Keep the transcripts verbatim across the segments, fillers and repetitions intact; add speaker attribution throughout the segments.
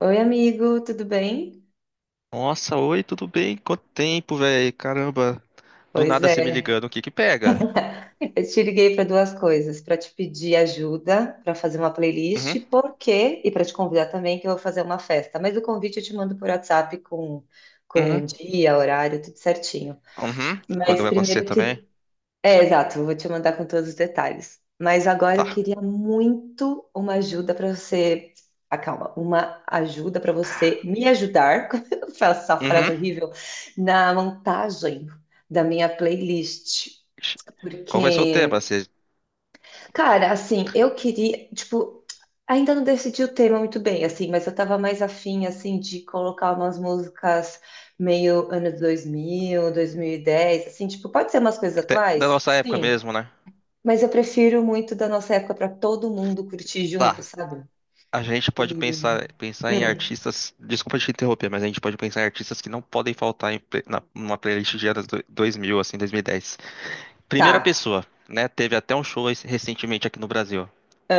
Speaker 1: Oi, amigo, tudo bem?
Speaker 2: Nossa, oi, tudo bem? Quanto tempo, velho? Caramba, do
Speaker 1: Pois
Speaker 2: nada você
Speaker 1: é,
Speaker 2: me ligando, o que que pega?
Speaker 1: eu te liguei para duas coisas, para te pedir ajuda para fazer uma
Speaker 2: Uhum,
Speaker 1: playlist, por quê? E para te convidar também que eu vou fazer uma festa. Mas o convite eu te mando por WhatsApp com com
Speaker 2: uhum,
Speaker 1: o dia, horário, tudo certinho.
Speaker 2: uhum. Quando
Speaker 1: Mas
Speaker 2: vai acontecer
Speaker 1: primeiro eu
Speaker 2: também?
Speaker 1: que- É, exato, eu vou te mandar com todos os detalhes. Mas agora eu
Speaker 2: Tá.
Speaker 1: queria muito uma ajuda para você. Ah, calma, uma ajuda para você me ajudar, com essa frase
Speaker 2: Uhum.
Speaker 1: horrível, na montagem da minha playlist.
Speaker 2: Ixi, qual vai ser o tema?
Speaker 1: Porque,
Speaker 2: Você...
Speaker 1: cara, assim, eu queria, tipo, ainda não decidi o tema muito bem, assim, mas eu tava mais afim, assim, de colocar umas músicas meio anos dois mil, dois mil e dez, assim, tipo, pode ser umas coisas
Speaker 2: te- Da
Speaker 1: atuais?
Speaker 2: nossa época
Speaker 1: Sim.
Speaker 2: mesmo, né?
Speaker 1: Mas eu prefiro muito da nossa época para todo mundo curtir junto,
Speaker 2: Tá.
Speaker 1: sabe?
Speaker 2: A gente pode
Speaker 1: E.
Speaker 2: pensar, pensar em
Speaker 1: Hum,
Speaker 2: artistas. Desculpa te interromper, mas a gente pode pensar em artistas que não podem faltar em, pre- na, numa playlist de anos do- dois mil, assim, dois mil e dez. Primeira
Speaker 1: tá.
Speaker 2: pessoa, né? Teve até um show esse- recentemente aqui no Brasil.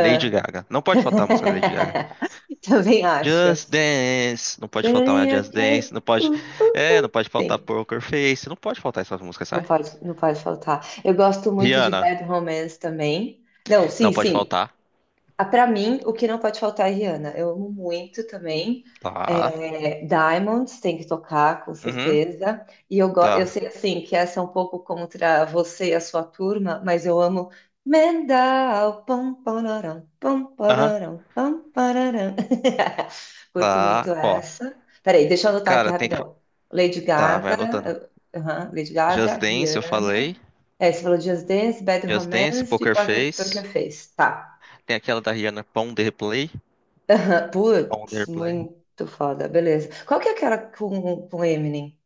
Speaker 2: Lady Gaga. Não pode faltar a música da Lady Gaga.
Speaker 1: Também acho.
Speaker 2: Just Dance, não pode faltar uma Just Dance,
Speaker 1: Ok.
Speaker 2: não pode,
Speaker 1: Uh,
Speaker 2: é, não pode faltar
Speaker 1: Sim,
Speaker 2: Poker Face, não pode faltar essas músicas,
Speaker 1: não
Speaker 2: sai?
Speaker 1: pode, não pode faltar. Eu gosto muito de
Speaker 2: Rihanna,
Speaker 1: Bad Romance também. Não, sim,
Speaker 2: não pode
Speaker 1: sim.
Speaker 2: faltar,
Speaker 1: Ah, pra mim, o que não pode faltar é Rihanna. Eu amo muito também.
Speaker 2: tá?
Speaker 1: É, Diamonds tem que tocar, com
Speaker 2: Uhum,
Speaker 1: certeza. E eu, go- eu
Speaker 2: tá.
Speaker 1: sei assim que essa é um pouco contra você e a sua turma, mas eu amo Mendal. Pam, pararam, pam,
Speaker 2: Aham,
Speaker 1: pararam, pam, pararam. Curto
Speaker 2: tá.
Speaker 1: muito
Speaker 2: Ó,
Speaker 1: essa. Peraí, deixa eu anotar aqui
Speaker 2: cara, tem que, fa-
Speaker 1: rapidão. Lady
Speaker 2: tá, vai anotando.
Speaker 1: Gaga, eh, aham, Lady Gaga,
Speaker 2: Just Dance, eu
Speaker 1: Rihanna.
Speaker 2: falei.
Speaker 1: É, você falou Just Dance, Bad
Speaker 2: Just Dance,
Speaker 1: Romance e
Speaker 2: Poker
Speaker 1: Porque, Porque
Speaker 2: Face,
Speaker 1: Fez. Tá.
Speaker 2: tem aquela da Rihanna, Pon the Replay, Pon
Speaker 1: Putz,
Speaker 2: the Replay.
Speaker 1: muito foda, beleza. Qual que é aquela com, com Eminem?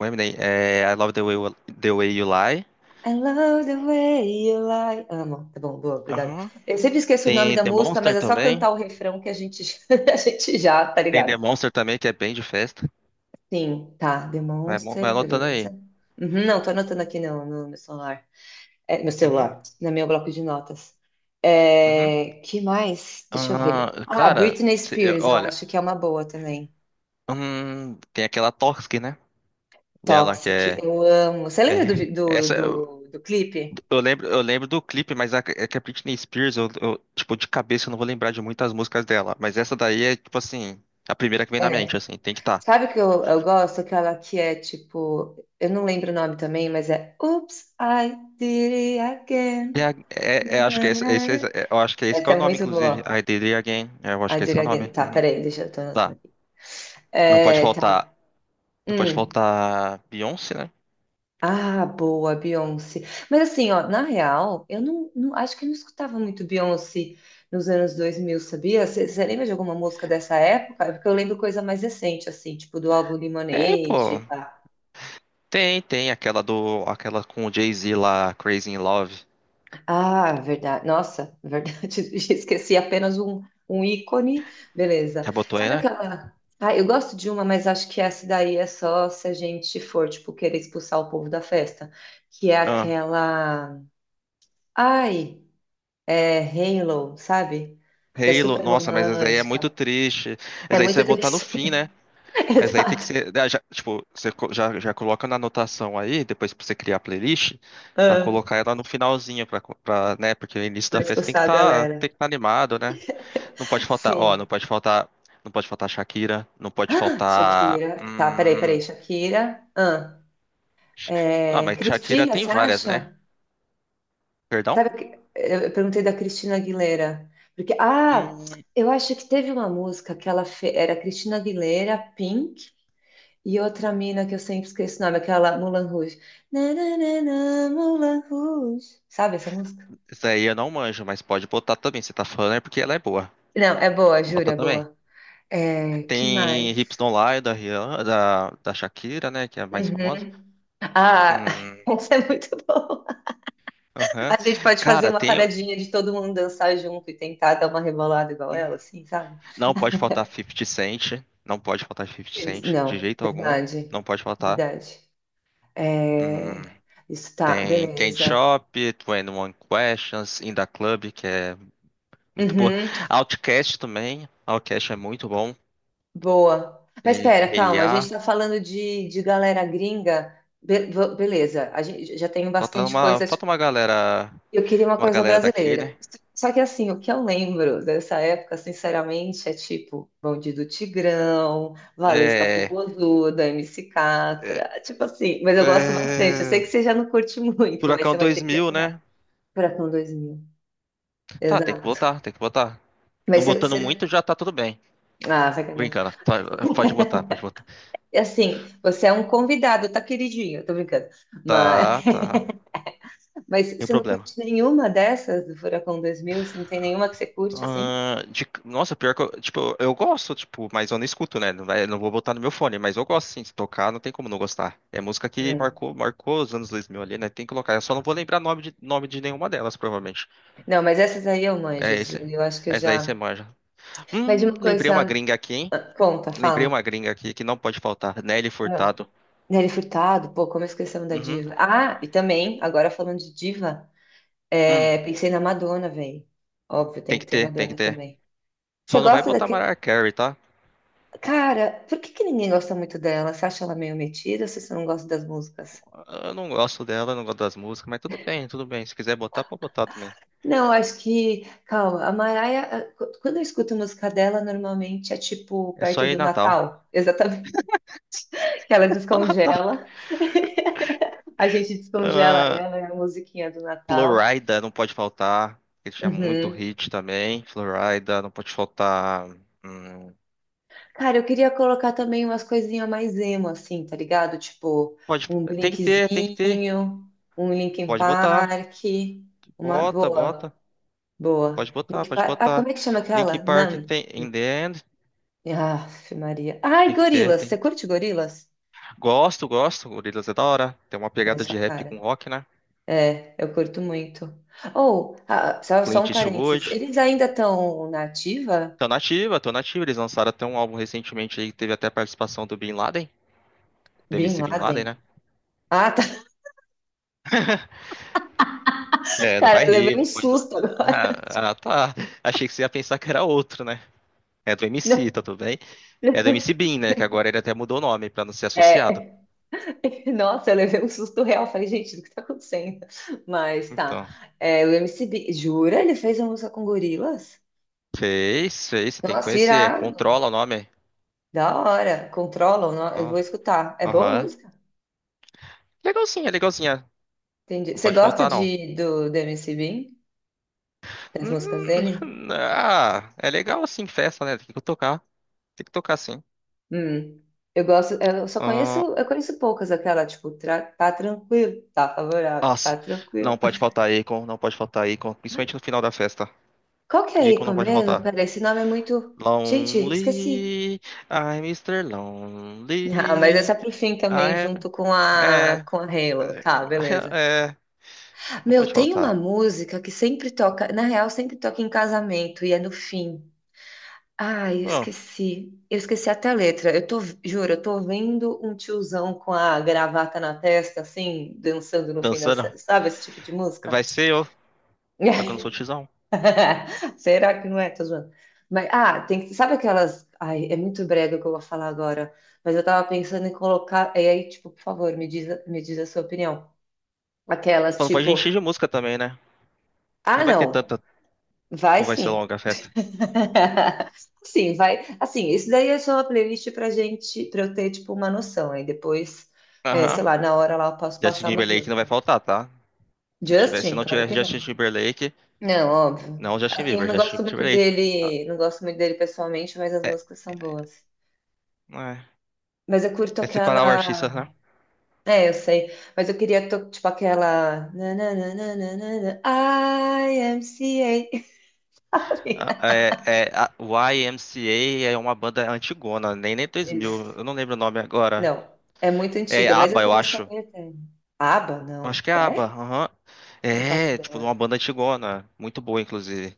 Speaker 2: O Eminem, é, I Love the Way, You- the Way You Lie.
Speaker 1: I love the way you lie. Amo. Tá bom, boa, obrigada.
Speaker 2: Aham.
Speaker 1: Eu sempre esqueço o nome
Speaker 2: Tem
Speaker 1: da
Speaker 2: The
Speaker 1: música, mas
Speaker 2: Monster
Speaker 1: é só
Speaker 2: também.
Speaker 1: cantar o refrão que a gente, a gente já, tá
Speaker 2: Tem The
Speaker 1: ligado?
Speaker 2: Monster também, que é bem de festa.
Speaker 1: Sim, tá. The
Speaker 2: Vai, mo- vai anotando
Speaker 1: beleza.
Speaker 2: aí.
Speaker 1: Uhum, não, tô anotando aqui não, no meu celular. É, meu
Speaker 2: Uhum.
Speaker 1: celular, no meu bloco de notas.
Speaker 2: Uhum.
Speaker 1: É, que mais? Deixa eu
Speaker 2: Ah,
Speaker 1: ver. Ah,
Speaker 2: cara,
Speaker 1: Britney
Speaker 2: cê-
Speaker 1: Spears, eu
Speaker 2: olha,
Speaker 1: acho que é uma boa também.
Speaker 2: hum, tem aquela Toxic, né? Dela que
Speaker 1: Toxic,
Speaker 2: é,
Speaker 1: eu amo. Você lembra do,
Speaker 2: é-
Speaker 1: vi- do,
Speaker 2: essa eu,
Speaker 1: do, do clipe?
Speaker 2: eu lembro, eu lembro do clipe, mas a, é que a Britney Spears, eu, eu, tipo de cabeça eu não vou lembrar de muitas músicas dela, mas essa daí é tipo assim, a primeira que vem na mente,
Speaker 1: É.
Speaker 2: assim, tem que estar.
Speaker 1: Sabe o que eu, eu gosto? Aquela que é tipo. Eu não lembro o nome também, mas é. Oops, I did it
Speaker 2: É, a-
Speaker 1: again.
Speaker 2: é, é, acho que
Speaker 1: Na, na,
Speaker 2: é, esse,
Speaker 1: na,
Speaker 2: esse
Speaker 1: na.
Speaker 2: é- eu acho que é esse que é
Speaker 1: Essa
Speaker 2: o
Speaker 1: é
Speaker 2: nome,
Speaker 1: muito
Speaker 2: inclusive.
Speaker 1: boa.
Speaker 2: I Did It Again, é, eu acho
Speaker 1: I
Speaker 2: que é
Speaker 1: did
Speaker 2: esse
Speaker 1: it
Speaker 2: é o
Speaker 1: again.
Speaker 2: nome.
Speaker 1: Tá,
Speaker 2: Uhum.
Speaker 1: peraí, deixa eu tô anotando
Speaker 2: Tá.
Speaker 1: aqui.
Speaker 2: Não pode
Speaker 1: É, tá.
Speaker 2: faltar, não pode
Speaker 1: Hum.
Speaker 2: faltar Beyoncé, né?
Speaker 1: Ah, boa, Beyoncé. Mas assim, ó, na real, eu não, não- acho que eu não escutava muito Beyoncé nos anos dois mil, sabia? Você lembra de alguma música dessa época? É. Porque eu lembro coisa mais recente, assim, tipo do álbum
Speaker 2: Tem,
Speaker 1: Lemonade.
Speaker 2: pô.
Speaker 1: Pá.
Speaker 2: Tem, tem aquela do, aquela com o Jay-Z lá, Crazy in Love.
Speaker 1: Ah, verdade. Nossa, verdade. Esqueci apenas um, um ícone. Beleza.
Speaker 2: Já botou aí,
Speaker 1: Sabe
Speaker 2: né?
Speaker 1: aquela. Ah, eu gosto de uma, mas acho que essa daí é só se a gente for, tipo, querer expulsar o povo da festa. Que é
Speaker 2: Ah,
Speaker 1: aquela. Ai. É Halo, sabe? Que é
Speaker 2: Halo,
Speaker 1: super
Speaker 2: nossa, mas essa aí é muito
Speaker 1: romântica.
Speaker 2: triste.
Speaker 1: É
Speaker 2: Essa aí você
Speaker 1: muito
Speaker 2: vai botar no
Speaker 1: triste.
Speaker 2: fim, né? Essa aí tem que
Speaker 1: Exato.
Speaker 2: ser, ah, já- tipo, você co- já, já coloca na anotação aí, depois pra você criar a playlist, pra
Speaker 1: Ah,
Speaker 2: colocar ela no finalzinho, pra, co- pra, né? Porque o início
Speaker 1: pra
Speaker 2: da festa tem que
Speaker 1: expulsar a
Speaker 2: tá, tem
Speaker 1: galera.
Speaker 2: que tá animado, né? Não pode faltar, ó,
Speaker 1: Sim.
Speaker 2: não pode faltar, não pode faltar Shakira, não pode
Speaker 1: Ah,
Speaker 2: faltar,
Speaker 1: Shakira. Tá, peraí, peraí.
Speaker 2: hum...
Speaker 1: Shakira. Ah,
Speaker 2: Ah,
Speaker 1: é,
Speaker 2: mas Shakira
Speaker 1: Cristina,
Speaker 2: tem
Speaker 1: você
Speaker 2: várias, né?
Speaker 1: acha?
Speaker 2: Perdão?
Speaker 1: Sabe, que- eu perguntei da Cristina Aguilera. Porque, ah,
Speaker 2: Hum.
Speaker 1: eu acho que teve uma música que ela fez. Era Cristina Aguilera, Pink. E outra mina que eu sempre esqueço o nome, aquela Moulin Rouge. Na, na, na, na, Moulin Rouge. Sabe essa música?
Speaker 2: Isso aí eu não manjo, mas pode botar também. Você tá falando é porque ela é boa.
Speaker 1: Não, é boa, juro,
Speaker 2: Bota
Speaker 1: é
Speaker 2: também.
Speaker 1: boa. É, que
Speaker 2: Tem Hips
Speaker 1: mais?
Speaker 2: Don't Lie da, Rihanna, da, da Shakira, né? Que é a mais famosa.
Speaker 1: Uhum. Ah,
Speaker 2: Hum.
Speaker 1: essa é muito boa.
Speaker 2: Aham.
Speaker 1: A gente pode fazer
Speaker 2: Cara,
Speaker 1: uma
Speaker 2: tem.
Speaker 1: paradinha de todo mundo dançar junto e tentar dar uma rebolada igual ela, assim, sabe?
Speaker 2: Não pode faltar fifty Cent. Não pode faltar fifty Cent de
Speaker 1: Não,
Speaker 2: jeito algum.
Speaker 1: verdade,
Speaker 2: Não pode faltar.
Speaker 1: verdade.
Speaker 2: Hum,
Speaker 1: É, isso tá,
Speaker 2: tem Candy
Speaker 1: beleza.
Speaker 2: Shop, twenty one Questions, In Da Club, que é muito boa.
Speaker 1: Uhum,
Speaker 2: Outcast também. Outcast é muito bom.
Speaker 1: boa. Mas
Speaker 2: E,
Speaker 1: espera,
Speaker 2: e,
Speaker 1: calma, a gente
Speaker 2: ah,
Speaker 1: tá falando de, de galera gringa. Be- v- beleza, a gente já tem
Speaker 2: falta
Speaker 1: bastante
Speaker 2: uma,
Speaker 1: coisa.
Speaker 2: falta uma galera
Speaker 1: Eu queria uma
Speaker 2: uma
Speaker 1: coisa
Speaker 2: galera daqui, né?
Speaker 1: brasileira. Só que assim, o que eu lembro dessa época, sinceramente, é tipo Bonde do Tigrão, Valesca
Speaker 2: É,
Speaker 1: Popozuda, M C
Speaker 2: é,
Speaker 1: Catra, tipo assim, mas eu gosto bastante. Eu sei
Speaker 2: é,
Speaker 1: que você já não curte muito, mas você
Speaker 2: Furacão
Speaker 1: vai ter que
Speaker 2: dois mil, né?
Speaker 1: aturar. Furacão dois mil,
Speaker 2: Tá, tem que
Speaker 1: exato.
Speaker 2: botar, tem que botar. Não
Speaker 1: Mas você,
Speaker 2: botando muito
Speaker 1: você-
Speaker 2: já tá tudo bem.
Speaker 1: Ah, vai cagar.
Speaker 2: Brincando, tá, pode botar, pode botar.
Speaker 1: E assim, você é um convidado, tá queridinho, tô brincando. Mas,
Speaker 2: Tá, tá,
Speaker 1: mas
Speaker 2: sem
Speaker 1: você não
Speaker 2: problema.
Speaker 1: curte nenhuma dessas do Furacão dois mil? Você não tem nenhuma que você curte assim?
Speaker 2: Ah, de- nossa, pior que eu, tipo, eu gosto, tipo, mas eu não escuto, né? Não, vai- não vou botar no meu fone, mas eu gosto sim, se tocar, não tem como não gostar. É música que marcou, marcou os anos dois mil ali, né? Tem que colocar. Eu só não vou lembrar nome de, nome de nenhuma delas, provavelmente.
Speaker 1: Não, mas essas aí eu manjo.
Speaker 2: É
Speaker 1: Essas
Speaker 2: esse.
Speaker 1: aí eu acho que eu
Speaker 2: Essa daí você
Speaker 1: já.
Speaker 2: manja.
Speaker 1: Mas de
Speaker 2: Hum,
Speaker 1: uma
Speaker 2: lembrei uma
Speaker 1: coisa.
Speaker 2: gringa aqui, hein?
Speaker 1: Ah, conta,
Speaker 2: Lembrei
Speaker 1: fala.
Speaker 2: uma gringa aqui que não pode faltar. Nelly
Speaker 1: Ah,
Speaker 2: Furtado.
Speaker 1: Nelly Furtado, pô, como esquecemos da
Speaker 2: Uhum.
Speaker 1: diva. Ah, e também, agora falando de diva,
Speaker 2: Hum.
Speaker 1: é, pensei na Madonna, velho. Óbvio, tem
Speaker 2: Tem
Speaker 1: que
Speaker 2: que
Speaker 1: ter
Speaker 2: ter, tem que
Speaker 1: Madonna
Speaker 2: ter.
Speaker 1: também. Você
Speaker 2: Só não vai
Speaker 1: gosta
Speaker 2: botar
Speaker 1: daquele.
Speaker 2: Mariah Carey, tá?
Speaker 1: Cara, por que que ninguém gosta muito dela? Você acha ela meio metida ou você não gosta das músicas?
Speaker 2: Eu não gosto dela, eu não gosto das músicas, mas tudo bem, tudo bem. Se quiser botar, pode botar também.
Speaker 1: Não, acho que. Calma, a Mariah, ah, qu- quando eu escuto música dela, normalmente é tipo
Speaker 2: É só
Speaker 1: perto
Speaker 2: ir
Speaker 1: do
Speaker 2: Natal.
Speaker 1: Natal. Exatamente. Ela
Speaker 2: Só Natal.
Speaker 1: descongela. A gente descongela
Speaker 2: Ah,
Speaker 1: ela, é a musiquinha do Natal.
Speaker 2: Florida não pode faltar. Ele tinha muito
Speaker 1: Uhum.
Speaker 2: hit também. Florida não pode faltar. Hum,
Speaker 1: Cara, eu queria colocar também umas coisinhas mais emo, assim, tá ligado? Tipo,
Speaker 2: pode,
Speaker 1: um
Speaker 2: tem que ter, tem que ter.
Speaker 1: Blinkzinho, um Linkin
Speaker 2: Pode botar.
Speaker 1: Park, uma
Speaker 2: Bota, bota.
Speaker 1: boa, boa.
Speaker 2: Pode botar,
Speaker 1: Linkin
Speaker 2: pode
Speaker 1: Park... Ah,
Speaker 2: botar.
Speaker 1: como é que chama
Speaker 2: Linkin
Speaker 1: aquela?
Speaker 2: Park
Speaker 1: Numb.
Speaker 2: tem In The End.
Speaker 1: Ah, Maria. Ai,
Speaker 2: Tem que ter,
Speaker 1: Gorilas.
Speaker 2: tem.
Speaker 1: Você curte Gorilas?
Speaker 2: Gosto, gosto. Gorillaz é da hora. Tem uma
Speaker 1: É
Speaker 2: pegada
Speaker 1: sua
Speaker 2: de rap
Speaker 1: cara.
Speaker 2: com rock, né?
Speaker 1: É, eu curto muito. Ou, ah, só, só
Speaker 2: Clint
Speaker 1: um
Speaker 2: Eastwood.
Speaker 1: parênteses, eles ainda estão na ativa?
Speaker 2: Tô nativa, tô nativa. Eles lançaram até um álbum recentemente aí que teve até a participação do Bin Laden, do
Speaker 1: Bin
Speaker 2: M C Bin Laden, né?
Speaker 1: Laden. Ah,
Speaker 2: É, não
Speaker 1: cara,
Speaker 2: vai
Speaker 1: eu
Speaker 2: rir,
Speaker 1: levei um
Speaker 2: não pode. não-
Speaker 1: susto agora.
Speaker 2: Ah, ah, tá. Achei que você ia pensar que era outro, né? É do M C, tá tudo bem? É do M C Bin, né? Que agora ele até mudou o nome pra não ser associado.
Speaker 1: É, nossa, eu levei um susto real. Falei, gente, o que tá acontecendo? Mas tá.
Speaker 2: Então.
Speaker 1: É, o M C B, jura? Ele fez uma música com gorilas?
Speaker 2: Fez, fez. Você tem que
Speaker 1: Nossa,
Speaker 2: conhecer.
Speaker 1: irado.
Speaker 2: Controla o nome.
Speaker 1: Da hora. Controlam, no- eu vou escutar. É boa a
Speaker 2: Aham.
Speaker 1: música?
Speaker 2: Legalzinha, legalzinha.
Speaker 1: Entendi.
Speaker 2: Não
Speaker 1: Você
Speaker 2: pode
Speaker 1: gosta
Speaker 2: faltar, não.
Speaker 1: de, do, do M C B? Das
Speaker 2: Hum.
Speaker 1: músicas dele?
Speaker 2: Ah, é legal assim, festa, né? Tem que tocar. Tem que tocar sim.
Speaker 1: Hum. Eu gosto, eu só conheço,
Speaker 2: Ah,
Speaker 1: eu conheço poucas, aquela, tipo, tra- tá tranquilo, tá favorável, tá
Speaker 2: nossa,
Speaker 1: tranquilo.
Speaker 2: não pode faltar Akon, não pode faltar Akon, principalmente no final da festa.
Speaker 1: Qual que é a
Speaker 2: Akon
Speaker 1: Ico
Speaker 2: não pode
Speaker 1: mesmo?
Speaker 2: faltar.
Speaker 1: Peraí, esse nome é muito. Gente, esqueci.
Speaker 2: Lonely, I'm Mister
Speaker 1: Ah, mas essa
Speaker 2: Lonely.
Speaker 1: é pro fim também,
Speaker 2: I...
Speaker 1: junto com a,
Speaker 2: É,
Speaker 1: com a Halo. Tá, beleza.
Speaker 2: é, não
Speaker 1: Meu,
Speaker 2: pode
Speaker 1: tem uma
Speaker 2: faltar.
Speaker 1: música que sempre toca, na real, sempre toca em casamento e é no fim. Ai, eu
Speaker 2: Bom,
Speaker 1: esqueci. Eu esqueci até a letra. Eu tô, juro, eu tô vendo um tiozão com a gravata na testa, assim, dançando no fim da.
Speaker 2: dançando
Speaker 1: ce- Sabe esse tipo de música?
Speaker 2: vai ser eu, só que eu não sou tizão.
Speaker 1: Será que não é? Tô zoando. Mas, ah, tem que. Sabe aquelas. Ai, é muito brega o que eu vou falar agora. Mas eu tava pensando em colocar. E aí, tipo, por favor, me diz, me diz a sua opinião.
Speaker 2: Só
Speaker 1: Aquelas,
Speaker 2: não pode
Speaker 1: tipo,
Speaker 2: encher de música também, né? Que
Speaker 1: ah,
Speaker 2: não vai ter
Speaker 1: não,
Speaker 2: tanta,
Speaker 1: vai
Speaker 2: ou vai ser
Speaker 1: sim.
Speaker 2: longa a festa.
Speaker 1: Sim, vai. Assim, isso daí é só uma playlist pra gente, pra eu ter, tipo, uma noção. Aí depois, é, sei
Speaker 2: Aham.
Speaker 1: lá, na hora lá eu posso
Speaker 2: Justin
Speaker 1: passar umas
Speaker 2: Timberlake não vai
Speaker 1: músicas.
Speaker 2: faltar, tá? Se tivesse, se
Speaker 1: Justin?
Speaker 2: não
Speaker 1: Claro
Speaker 2: tivesse
Speaker 1: que
Speaker 2: Justin
Speaker 1: não.
Speaker 2: Timberlake,
Speaker 1: Não, óbvio.
Speaker 2: não Justin
Speaker 1: Assim, eu
Speaker 2: Bieber,
Speaker 1: não
Speaker 2: Justin
Speaker 1: gosto muito
Speaker 2: Timberlake. Ah,
Speaker 1: dele, não gosto muito dele pessoalmente, mas as
Speaker 2: é,
Speaker 1: músicas são boas.
Speaker 2: não é,
Speaker 1: Mas eu curto
Speaker 2: é separar o artista,
Speaker 1: aquela.
Speaker 2: né?
Speaker 1: É, eu sei. Mas eu queria, to- tipo, aquela. Nananana, I M C A.
Speaker 2: Ah, é, é, a Y M C A é uma banda antigona, nem nem dois mil, eu não lembro o nome agora.
Speaker 1: Não, é muito
Speaker 2: É
Speaker 1: antiga, mas
Speaker 2: ABBA,
Speaker 1: essa
Speaker 2: eu
Speaker 1: música é
Speaker 2: acho.
Speaker 1: meio eterna. ABBA?
Speaker 2: Acho
Speaker 1: Não.
Speaker 2: que é ABBA,
Speaker 1: É?
Speaker 2: aham.
Speaker 1: Não faço
Speaker 2: É, tipo,
Speaker 1: ideia.
Speaker 2: uma banda antigona, muito boa, inclusive.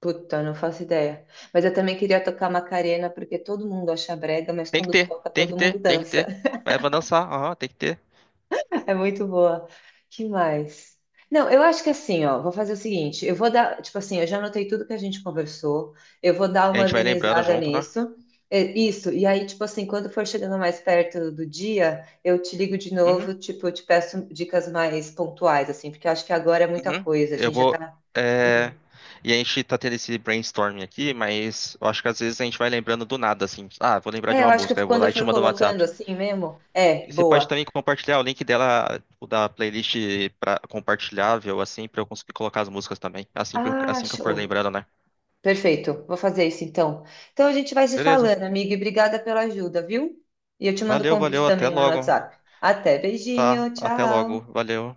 Speaker 1: Puta, não faço ideia. Mas eu também queria tocar Macarena, porque todo mundo acha brega, mas
Speaker 2: Tem que
Speaker 1: quando
Speaker 2: ter,
Speaker 1: toca,
Speaker 2: tem que
Speaker 1: todo
Speaker 2: ter,
Speaker 1: mundo
Speaker 2: tem que
Speaker 1: dança.
Speaker 2: ter. Vai pra dançar, aham, tem que ter.
Speaker 1: É muito boa. Que mais? Não, eu acho que assim, ó, vou fazer o seguinte, eu vou dar, tipo assim, eu já anotei tudo que a gente conversou, eu vou dar
Speaker 2: A
Speaker 1: uma
Speaker 2: gente vai lembrando
Speaker 1: organizada
Speaker 2: junto, né?
Speaker 1: nisso, é, isso, e aí, tipo assim, quando for chegando mais perto do dia, eu te ligo de
Speaker 2: Uhum.
Speaker 1: novo, tipo, eu te peço dicas mais pontuais, assim, porque eu acho que agora é muita
Speaker 2: Uhum.
Speaker 1: coisa, a
Speaker 2: Eu
Speaker 1: gente já
Speaker 2: vou.
Speaker 1: tá...
Speaker 2: é,
Speaker 1: Hum.
Speaker 2: E a gente tá tendo esse brainstorming aqui, mas eu acho que às vezes a gente vai lembrando do nada, assim. Ah, vou lembrar de
Speaker 1: É, eu
Speaker 2: uma
Speaker 1: acho que
Speaker 2: música, eu vou
Speaker 1: quando eu
Speaker 2: lá e te
Speaker 1: for
Speaker 2: mando no
Speaker 1: colocando
Speaker 2: WhatsApp.
Speaker 1: assim mesmo, é,
Speaker 2: E você pode
Speaker 1: boa.
Speaker 2: também compartilhar o link dela, tipo, da playlist pra... compartilhável, assim, pra eu conseguir colocar as músicas também. Assim, que eu-
Speaker 1: Ah,
Speaker 2: assim que eu for
Speaker 1: show.
Speaker 2: lembrando, né?
Speaker 1: Perfeito, vou fazer isso então. Então a gente vai se
Speaker 2: Beleza.
Speaker 1: falando, amiga, e obrigada pela ajuda, viu? E eu te mando o
Speaker 2: Valeu,
Speaker 1: convite
Speaker 2: valeu, até
Speaker 1: também lá no
Speaker 2: logo.
Speaker 1: WhatsApp. Até,
Speaker 2: Tá,
Speaker 1: beijinho,
Speaker 2: até logo.
Speaker 1: tchau.
Speaker 2: Valeu.